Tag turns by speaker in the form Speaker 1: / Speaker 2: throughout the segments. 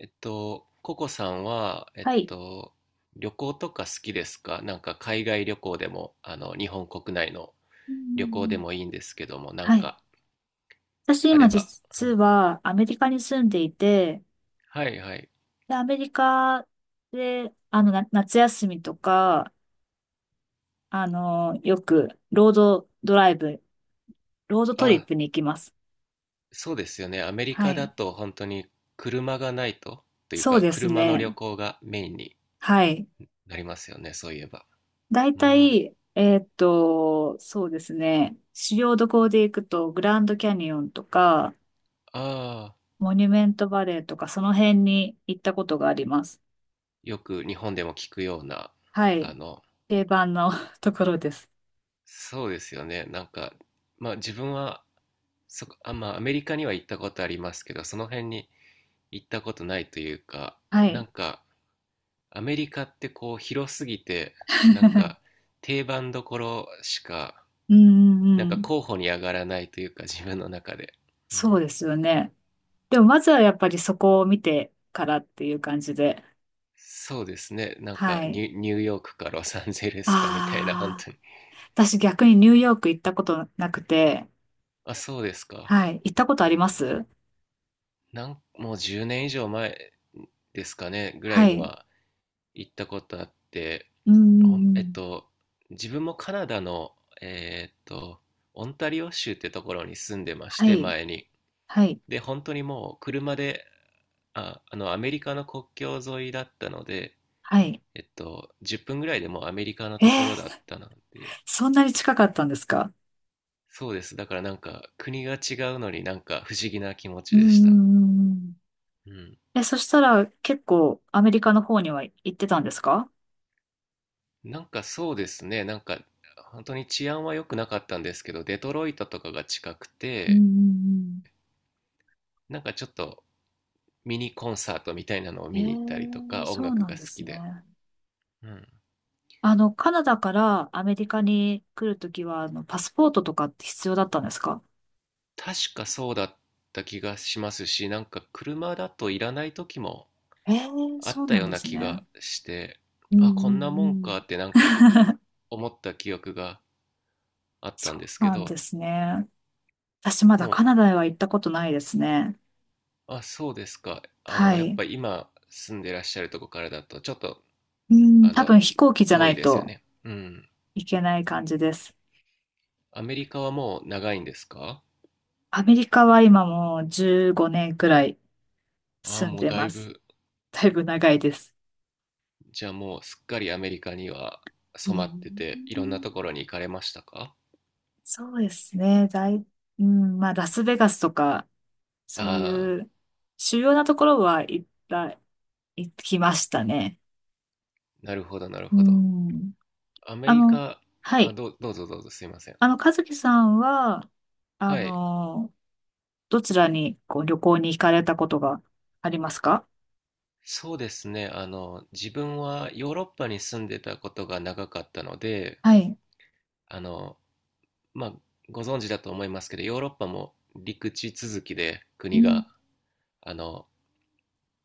Speaker 1: ココさんは、
Speaker 2: はい。
Speaker 1: 旅行とか好きですか？なんか海外旅行でも、日本国内の
Speaker 2: うんう
Speaker 1: 旅行で
Speaker 2: ん、
Speaker 1: もいいんですけども、なん
Speaker 2: はい。
Speaker 1: か
Speaker 2: 私
Speaker 1: あ
Speaker 2: 今
Speaker 1: れば。う
Speaker 2: 実
Speaker 1: ん。
Speaker 2: はアメリカに住んでいて、
Speaker 1: はいはい。
Speaker 2: で、アメリカで、夏休みとか、よくロードドライブ、ロードトリッ
Speaker 1: あ、
Speaker 2: プに行きます。
Speaker 1: そうですよね。アメリ
Speaker 2: は
Speaker 1: カだ
Speaker 2: い。
Speaker 1: と本当に車がないと、という
Speaker 2: そう
Speaker 1: か
Speaker 2: です
Speaker 1: 車の旅
Speaker 2: ね。
Speaker 1: 行がメインに
Speaker 2: はい。
Speaker 1: なりますよね、そういえば。
Speaker 2: だい
Speaker 1: う
Speaker 2: たい、
Speaker 1: ん。
Speaker 2: そうですね。主要どこで行くと、グランドキャニオンとか、
Speaker 1: ああ、
Speaker 2: モニュメントバレーとか、その辺に行ったことがあります。
Speaker 1: よく日本でも聞くような、
Speaker 2: は
Speaker 1: あ
Speaker 2: い。
Speaker 1: の、
Speaker 2: 定番の ところです。
Speaker 1: そうですよね。まあ自分は、まあアメリカには行ったことありますけど、その辺に行ったことないというか、
Speaker 2: は
Speaker 1: な
Speaker 2: い。
Speaker 1: んかアメリカってこう広すぎて、なんか 定番どころしか、
Speaker 2: うんう
Speaker 1: なん
Speaker 2: んう
Speaker 1: か
Speaker 2: ん。
Speaker 1: 候補に上がらないというか自分の中で。う
Speaker 2: そう
Speaker 1: ん。
Speaker 2: ですよね。でもまずはやっぱりそこを見てからっていう感じで。
Speaker 1: そうですね。
Speaker 2: はい。
Speaker 1: ニュ、ニューヨークかロサンゼルスかみたいな、本
Speaker 2: ああ、
Speaker 1: 当に。
Speaker 2: 私逆にニューヨーク行ったことなくて、
Speaker 1: あ、そうですか。
Speaker 2: はい。行ったことあります？
Speaker 1: なん、もう10年以上前ですかね、ぐらい
Speaker 2: は
Speaker 1: に
Speaker 2: い。
Speaker 1: は行ったことあって、
Speaker 2: うんう
Speaker 1: ほ
Speaker 2: ん
Speaker 1: ん
Speaker 2: うん。
Speaker 1: 自分もカナダの、えーっと、オンタリオ州ってところに住んでまし
Speaker 2: は
Speaker 1: て、
Speaker 2: い。
Speaker 1: 前に。
Speaker 2: はい。
Speaker 1: で、本当にもう車で、アメリカの国境沿いだったので、
Speaker 2: はい。
Speaker 1: 10分ぐらいでもうアメリカの
Speaker 2: えー、
Speaker 1: ところだったので、
Speaker 2: そんなに近かったんですか？
Speaker 1: そうです。だからなんか、国が違うのになんか不思議な気持
Speaker 2: う
Speaker 1: ち
Speaker 2: んう
Speaker 1: でした。
Speaker 2: んうんうん。
Speaker 1: うん。
Speaker 2: え、そしたら結構アメリカの方には行ってたんですか？
Speaker 1: なんかそうですね、なんか、本当に治安は良くなかったんですけど、デトロイトとかが近く
Speaker 2: うんう
Speaker 1: て、
Speaker 2: ん
Speaker 1: なんかちょっと、ミニコンサートみたいなのを
Speaker 2: うん。
Speaker 1: 見に行ったりと
Speaker 2: えー、
Speaker 1: か音
Speaker 2: そう
Speaker 1: 楽
Speaker 2: なん
Speaker 1: が好
Speaker 2: です
Speaker 1: きで、
Speaker 2: ね。
Speaker 1: うん、
Speaker 2: カナダからアメリカに来るときは、パスポートとかって必要だったんですか？
Speaker 1: 確かそうだった気がしますし、なんか車だといらない時も
Speaker 2: ええー、
Speaker 1: あ
Speaker 2: そ
Speaker 1: っ
Speaker 2: う
Speaker 1: た
Speaker 2: なん
Speaker 1: よう
Speaker 2: で
Speaker 1: な
Speaker 2: す
Speaker 1: 気
Speaker 2: ね。
Speaker 1: がして、
Speaker 2: うんう
Speaker 1: あ、こんなもん
Speaker 2: ん
Speaker 1: かってなん
Speaker 2: うん。
Speaker 1: か 思った記憶があった
Speaker 2: そ
Speaker 1: んです
Speaker 2: う
Speaker 1: け
Speaker 2: なんで
Speaker 1: ど。
Speaker 2: すね。私ま
Speaker 1: も
Speaker 2: だカ
Speaker 1: う、
Speaker 2: ナダへは行ったことないですね。
Speaker 1: あ、そうですか。あ
Speaker 2: は
Speaker 1: の、やっ
Speaker 2: い。
Speaker 1: ぱり今住んでらっしゃるとこからだとちょっと、
Speaker 2: うん、
Speaker 1: あ
Speaker 2: 多
Speaker 1: の
Speaker 2: 分飛行機じゃな
Speaker 1: 遠い
Speaker 2: い
Speaker 1: ですよ
Speaker 2: と
Speaker 1: ね。うん。
Speaker 2: いけない感じです。
Speaker 1: アメリカはもう長いんですか？
Speaker 2: アメリカは今もう15年くらい
Speaker 1: ああ、
Speaker 2: 住ん
Speaker 1: もう
Speaker 2: で
Speaker 1: だい
Speaker 2: ます。
Speaker 1: ぶ。
Speaker 2: だいぶ長いです。
Speaker 1: じゃあもうすっかりアメリカには
Speaker 2: う
Speaker 1: 染まっ
Speaker 2: ん、
Speaker 1: てて、いろんなところに行かれましたか？
Speaker 2: そうですね。うん、まあ、ラスベガスとかそう
Speaker 1: ああ、
Speaker 2: いう主要なところは行きましたね。
Speaker 1: なるほど、なる
Speaker 2: う
Speaker 1: ほど。
Speaker 2: ん。
Speaker 1: アメ
Speaker 2: あ
Speaker 1: リ
Speaker 2: の、
Speaker 1: カ、
Speaker 2: は
Speaker 1: あ、
Speaker 2: い。
Speaker 1: どう、どうぞどうぞすいません。
Speaker 2: 和樹さんは、あ
Speaker 1: はい。
Speaker 2: の、どちらにこう旅行に行かれたことがありますか？
Speaker 1: そうですね。自分はヨーロッパに住んでたことが長かったので、
Speaker 2: はい。
Speaker 1: あの、まあ、ご存知だと思いますけど、ヨーロッパも陸地続きで
Speaker 2: う
Speaker 1: 国
Speaker 2: ん、
Speaker 1: が、あの、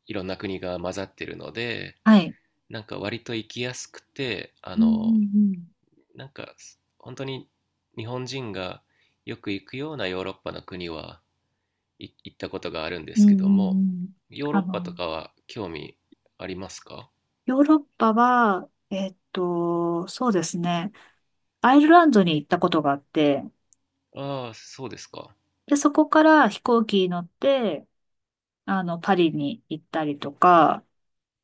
Speaker 1: いろんな国が混ざってるので、
Speaker 2: はい。
Speaker 1: なんか割と行きやすくて、
Speaker 2: うん、うん、
Speaker 1: なんか本当に日本人がよく行くようなヨーロッパの国は行ったことがあるんで
Speaker 2: うん、
Speaker 1: す
Speaker 2: う
Speaker 1: け
Speaker 2: ん、
Speaker 1: ど
Speaker 2: うん
Speaker 1: も、
Speaker 2: うん
Speaker 1: ヨーロ
Speaker 2: あ
Speaker 1: ッパと
Speaker 2: の、
Speaker 1: かは興味ありますか？
Speaker 2: ヨーロッパは、そうですね。アイルランドに行ったことがあって、
Speaker 1: ああ、そうですか。
Speaker 2: で、そこから飛行機に乗って、パリに行ったりとか、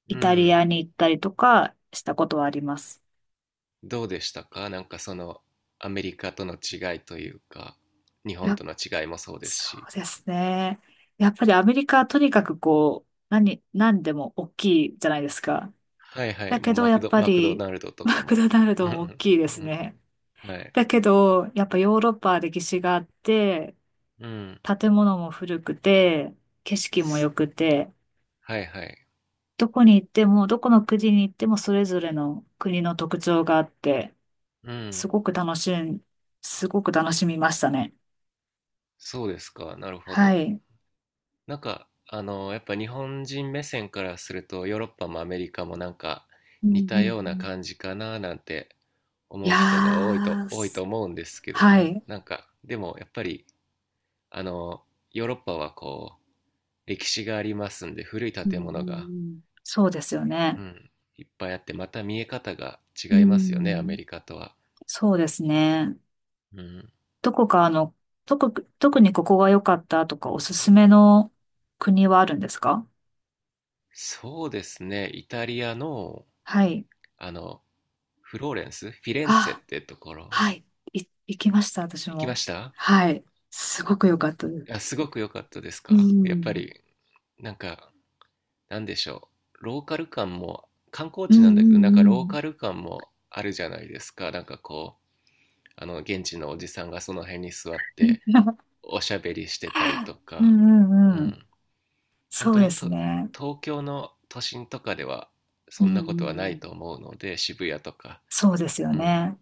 Speaker 1: う
Speaker 2: イタリ
Speaker 1: ん。
Speaker 2: アに行ったりとかしたことはあります。
Speaker 1: どうでしたか？なんかそのアメリカとの違いというか、日本
Speaker 2: や、
Speaker 1: との違いもそうです
Speaker 2: そ
Speaker 1: し。
Speaker 2: うですね。やっぱりアメリカはとにかくこう、何でも大きいじゃないですか。
Speaker 1: はいはい、
Speaker 2: だ
Speaker 1: も
Speaker 2: け
Speaker 1: う
Speaker 2: ど
Speaker 1: マ
Speaker 2: や
Speaker 1: ク
Speaker 2: っ
Speaker 1: ド、
Speaker 2: ぱ
Speaker 1: マクド
Speaker 2: り
Speaker 1: ナルドとか
Speaker 2: マク
Speaker 1: も。
Speaker 2: ドナル
Speaker 1: う
Speaker 2: ドも大
Speaker 1: ん
Speaker 2: きいで
Speaker 1: う
Speaker 2: す
Speaker 1: ん。
Speaker 2: ね。
Speaker 1: はい。
Speaker 2: だけど、やっぱヨーロッパは歴史があって、
Speaker 1: うん。
Speaker 2: 建物も古くて、景色も良くて、
Speaker 1: はいはい。
Speaker 2: どこに行っても、どこの国に行ってもそれぞれの国の特徴があって、
Speaker 1: う
Speaker 2: す
Speaker 1: ん。
Speaker 2: ごく楽しん、すごく楽しみましたね。
Speaker 1: そうですか。なるほ
Speaker 2: は
Speaker 1: ど。
Speaker 2: い。
Speaker 1: やっぱ日本人目線からすると、ヨーロッパもアメリカもなんか
Speaker 2: うんう
Speaker 1: 似た
Speaker 2: ん
Speaker 1: よう
Speaker 2: う
Speaker 1: な
Speaker 2: ん、
Speaker 1: 感じかななんて
Speaker 2: い
Speaker 1: 思う
Speaker 2: や
Speaker 1: 人が
Speaker 2: ー、
Speaker 1: 多いと
Speaker 2: す
Speaker 1: 思うんですけど
Speaker 2: は
Speaker 1: ね。
Speaker 2: い。
Speaker 1: なんか、でもやっぱり、あの、ヨーロッパはこう、歴史がありますんで、古い
Speaker 2: うんう
Speaker 1: 建
Speaker 2: ん
Speaker 1: 物が、
Speaker 2: うん、そうですよね。
Speaker 1: うん、いっぱいあって、また見え方が
Speaker 2: う
Speaker 1: 違いますよね、
Speaker 2: ん、
Speaker 1: アメリカとは。
Speaker 2: そうですね。
Speaker 1: うん。
Speaker 2: どこか特にここが良かったとかおすすめの国はあるんですか？
Speaker 1: そうですね、イタリアの、
Speaker 2: はい。
Speaker 1: あの、フローレンス、フィレンツェ
Speaker 2: あ、
Speaker 1: ってところ、
Speaker 2: はい。行きました、私
Speaker 1: 行きま
Speaker 2: も。
Speaker 1: した。
Speaker 2: はい。すごく良かったです。
Speaker 1: いや、すごく良かったです
Speaker 2: う
Speaker 1: かやっぱ
Speaker 2: ん。
Speaker 1: り、なんか、なんでしょう。ローカル感も、観光
Speaker 2: う
Speaker 1: 地なんだけど、
Speaker 2: ん
Speaker 1: なんか
Speaker 2: う
Speaker 1: ロー
Speaker 2: ん
Speaker 1: カル感もあるじゃないですか。現地のおじさんがその辺に座っ
Speaker 2: う
Speaker 1: て、
Speaker 2: ん
Speaker 1: おしゃべりしてたりと
Speaker 2: う
Speaker 1: か、
Speaker 2: んう
Speaker 1: う
Speaker 2: んうん。
Speaker 1: ん。本
Speaker 2: そ
Speaker 1: 当
Speaker 2: うで
Speaker 1: に
Speaker 2: す
Speaker 1: と、
Speaker 2: ね。
Speaker 1: 東京の都心とかでは、
Speaker 2: う
Speaker 1: そ
Speaker 2: んう
Speaker 1: んな
Speaker 2: ん
Speaker 1: ことはな
Speaker 2: う
Speaker 1: い
Speaker 2: ん、
Speaker 1: と思うので、渋谷とか、
Speaker 2: そうですよ
Speaker 1: うん。
Speaker 2: ね。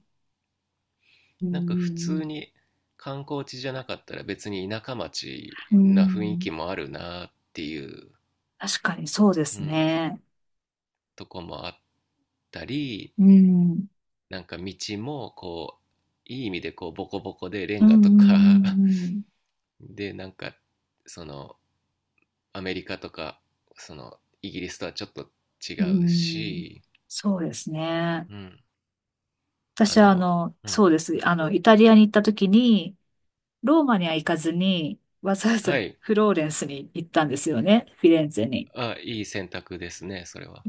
Speaker 2: う
Speaker 1: なんか普
Speaker 2: ん
Speaker 1: 通に観光地じゃなかったら別に田舎町
Speaker 2: うんうん、う
Speaker 1: な雰囲
Speaker 2: ん、
Speaker 1: 気もあるなっていう、
Speaker 2: 確かにそうで
Speaker 1: う
Speaker 2: す
Speaker 1: ん。
Speaker 2: ね。
Speaker 1: とこもあったり、
Speaker 2: うん、
Speaker 1: なんか道もこういい意味でこうボコボコでレ
Speaker 2: う
Speaker 1: ン
Speaker 2: ん
Speaker 1: ガとか
Speaker 2: うん
Speaker 1: でなんか、そのアメリカとか、そのイギリスとはちょっと違
Speaker 2: うんう
Speaker 1: う
Speaker 2: ん、うん、
Speaker 1: し、
Speaker 2: そうですね。
Speaker 1: うん、あ
Speaker 2: 私は
Speaker 1: の、う
Speaker 2: そ
Speaker 1: ん、
Speaker 2: うです。イタリアに行った時に、ローマには行かずに、わざわ
Speaker 1: は
Speaker 2: ざ
Speaker 1: い、
Speaker 2: フローレンスに行ったんですよね。フィレンツェに。
Speaker 1: あ、いい選択ですね、それは。
Speaker 2: う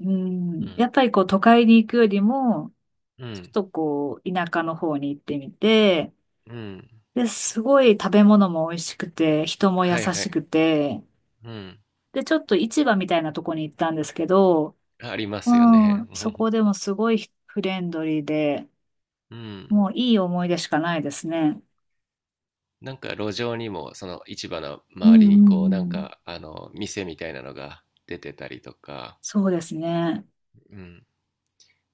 Speaker 1: う
Speaker 2: ん、
Speaker 1: ん、
Speaker 2: やっぱりこう都会に行くよりも、
Speaker 1: う
Speaker 2: ちょっ
Speaker 1: ん、
Speaker 2: とこう田舎の方に行ってみて、
Speaker 1: うん、
Speaker 2: で、すごい食べ物も美味しくて、人も優
Speaker 1: はいは
Speaker 2: し
Speaker 1: い、
Speaker 2: くて、
Speaker 1: うん、
Speaker 2: で、ちょっと市場みたいなとこに行ったんですけど、
Speaker 1: ありますよ
Speaker 2: う
Speaker 1: ね。
Speaker 2: ん、そ こでもすごいフレンドリーで、
Speaker 1: うん、
Speaker 2: もういい思い出しかないですね。
Speaker 1: なんか路上にもその市場の
Speaker 2: う
Speaker 1: 周
Speaker 2: んう
Speaker 1: りにこうなん
Speaker 2: んう
Speaker 1: か
Speaker 2: ん。
Speaker 1: あの店みたいなのが出てたりとか、
Speaker 2: そうですね。
Speaker 1: うん、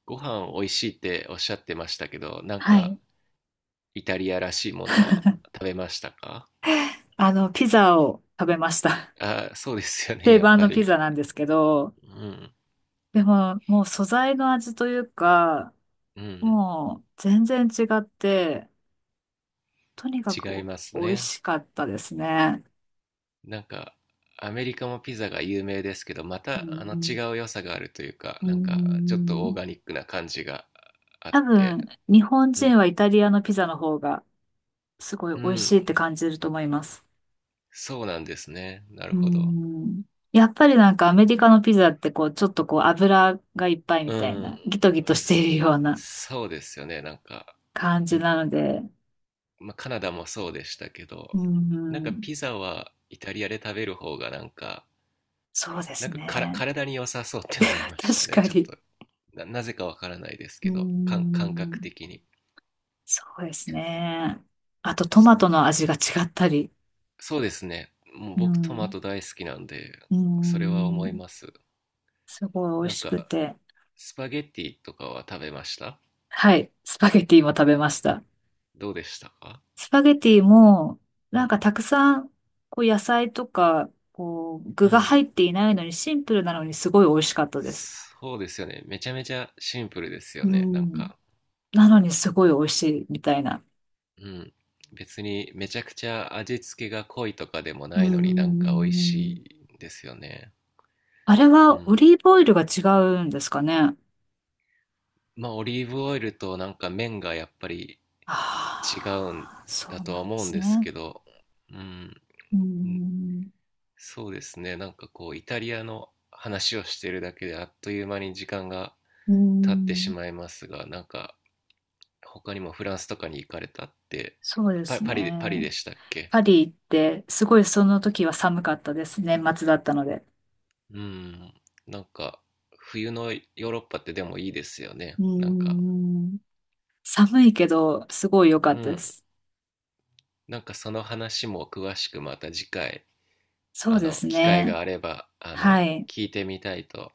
Speaker 1: ご飯美味しいっておっしゃってましたけど、なん
Speaker 2: は
Speaker 1: か
Speaker 2: い。
Speaker 1: イタリアらしいものは食べましたか？
Speaker 2: ピザを食べました。
Speaker 1: あ、そうですよ ね。
Speaker 2: 定
Speaker 1: やっ
Speaker 2: 番
Speaker 1: ぱ
Speaker 2: のピ
Speaker 1: り。
Speaker 2: ザなんですけど、
Speaker 1: うん
Speaker 2: でも、もう素材の味というか、
Speaker 1: うん。
Speaker 2: もう全然違って、とにかく
Speaker 1: 違い
Speaker 2: お
Speaker 1: ます
Speaker 2: 美味
Speaker 1: ね。
Speaker 2: しかったですね。
Speaker 1: なんかアメリカもピザが有名ですけど、ま
Speaker 2: うん
Speaker 1: たあの
Speaker 2: う
Speaker 1: 違
Speaker 2: ん
Speaker 1: う良さがあるというか、
Speaker 2: うー
Speaker 1: なんかちょっとオー
Speaker 2: ん、
Speaker 1: ガニックな感じがあっ
Speaker 2: 多
Speaker 1: て。
Speaker 2: 分、日本
Speaker 1: うん
Speaker 2: 人はイタリアのピザの方がすごい
Speaker 1: う
Speaker 2: 美味しい
Speaker 1: ん。
Speaker 2: って感じると思います。
Speaker 1: そうなんですね、な
Speaker 2: う
Speaker 1: る
Speaker 2: ー
Speaker 1: ほど。
Speaker 2: ん。やっぱりなんかアメリカのピザってこう、ちょっとこう油がいっぱいみ
Speaker 1: う
Speaker 2: たい
Speaker 1: ん、
Speaker 2: な、ギトギトして
Speaker 1: す
Speaker 2: いるような
Speaker 1: そうですよね。
Speaker 2: 感
Speaker 1: い、
Speaker 2: じなので、
Speaker 1: まあ、カナダもそうでしたけ
Speaker 2: う
Speaker 1: ど、
Speaker 2: ー
Speaker 1: なんか
Speaker 2: ん。
Speaker 1: ピザはイタリアで食べる方がなんか、
Speaker 2: そうで
Speaker 1: なん
Speaker 2: す
Speaker 1: かから
Speaker 2: ね。
Speaker 1: 体に良さそうって思い ました
Speaker 2: 確
Speaker 1: ね。
Speaker 2: か
Speaker 1: ちょっ
Speaker 2: に。
Speaker 1: と、なぜかわからないです
Speaker 2: うー
Speaker 1: けど、感覚
Speaker 2: ん。
Speaker 1: 的に。
Speaker 2: そうですね。あとト
Speaker 1: そ
Speaker 2: マトの味が違ったり、
Speaker 1: そうですね。もう
Speaker 2: う
Speaker 1: 僕トマ
Speaker 2: ん。
Speaker 1: ト大好きなんで、
Speaker 2: うー
Speaker 1: それは思い
Speaker 2: ん。
Speaker 1: ます。
Speaker 2: すごい美
Speaker 1: なん
Speaker 2: 味し
Speaker 1: か、
Speaker 2: くて。
Speaker 1: スパゲッティとかは食べました？
Speaker 2: はい。スパゲティも食べました。
Speaker 1: どうでしたか？
Speaker 2: スパゲティも、
Speaker 1: う
Speaker 2: なん
Speaker 1: ん。
Speaker 2: かたくさん、こう野菜とか、こう
Speaker 1: う
Speaker 2: 具が入
Speaker 1: ん。
Speaker 2: っていないのにシンプルなのにすごい美味しかったです。
Speaker 1: そうですよね。めちゃめちゃシンプルです
Speaker 2: う
Speaker 1: よね。なん
Speaker 2: ん。
Speaker 1: か、
Speaker 2: なのにすごい美味しいみたいな。
Speaker 1: うん。別にめちゃくちゃ味付けが濃いとかでも
Speaker 2: う
Speaker 1: ないのになんか美味し
Speaker 2: ん。
Speaker 1: いですよね。
Speaker 2: あれ
Speaker 1: う
Speaker 2: はオ
Speaker 1: ん。
Speaker 2: リーブオイルが違うんですかね。
Speaker 1: まあオリーブオイルとなんか麺がやっぱり違うん
Speaker 2: ああ、そ
Speaker 1: だ
Speaker 2: う
Speaker 1: とは
Speaker 2: なんで
Speaker 1: 思うん
Speaker 2: す
Speaker 1: で
Speaker 2: ね。
Speaker 1: すけど、うん。
Speaker 2: うん。
Speaker 1: そうですね。なんかこうイタリアの話をしてるだけであっという間に時間が
Speaker 2: う
Speaker 1: 経ってし
Speaker 2: ん。
Speaker 1: まいますが、なんか他にもフランスとかに行かれたって、
Speaker 2: そうで
Speaker 1: パ、
Speaker 2: す
Speaker 1: パリで、パリで
Speaker 2: ね。
Speaker 1: したっけ？
Speaker 2: パリ行って、すごいその時は寒かったです。年末だったので。
Speaker 1: うん。なんか、冬のヨーロッパってでもいいですよね。
Speaker 2: うー
Speaker 1: なんか、
Speaker 2: ん。寒いけど、すごい良か
Speaker 1: う
Speaker 2: ったで
Speaker 1: ん。
Speaker 2: す。
Speaker 1: なんかその話も詳しくまた次回、
Speaker 2: そうです
Speaker 1: 機会
Speaker 2: ね。
Speaker 1: があれば、
Speaker 2: はい。
Speaker 1: 聞いてみたいと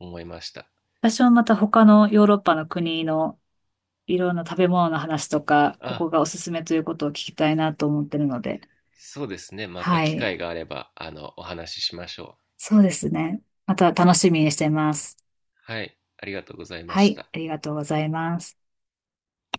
Speaker 1: 思いました。
Speaker 2: 私はまた他のヨーロッパの国のいろんな食べ物の話とか、こ
Speaker 1: あ、
Speaker 2: こがおすすめということを聞きたいなと思ってるので。
Speaker 1: そうですね。また
Speaker 2: は
Speaker 1: 機
Speaker 2: い。
Speaker 1: 会があれば、お話ししましょう。
Speaker 2: そうですね。また楽しみにしてます。
Speaker 1: はい。ありがとうございま
Speaker 2: は
Speaker 1: し
Speaker 2: い。
Speaker 1: た。
Speaker 2: ありがとうございます。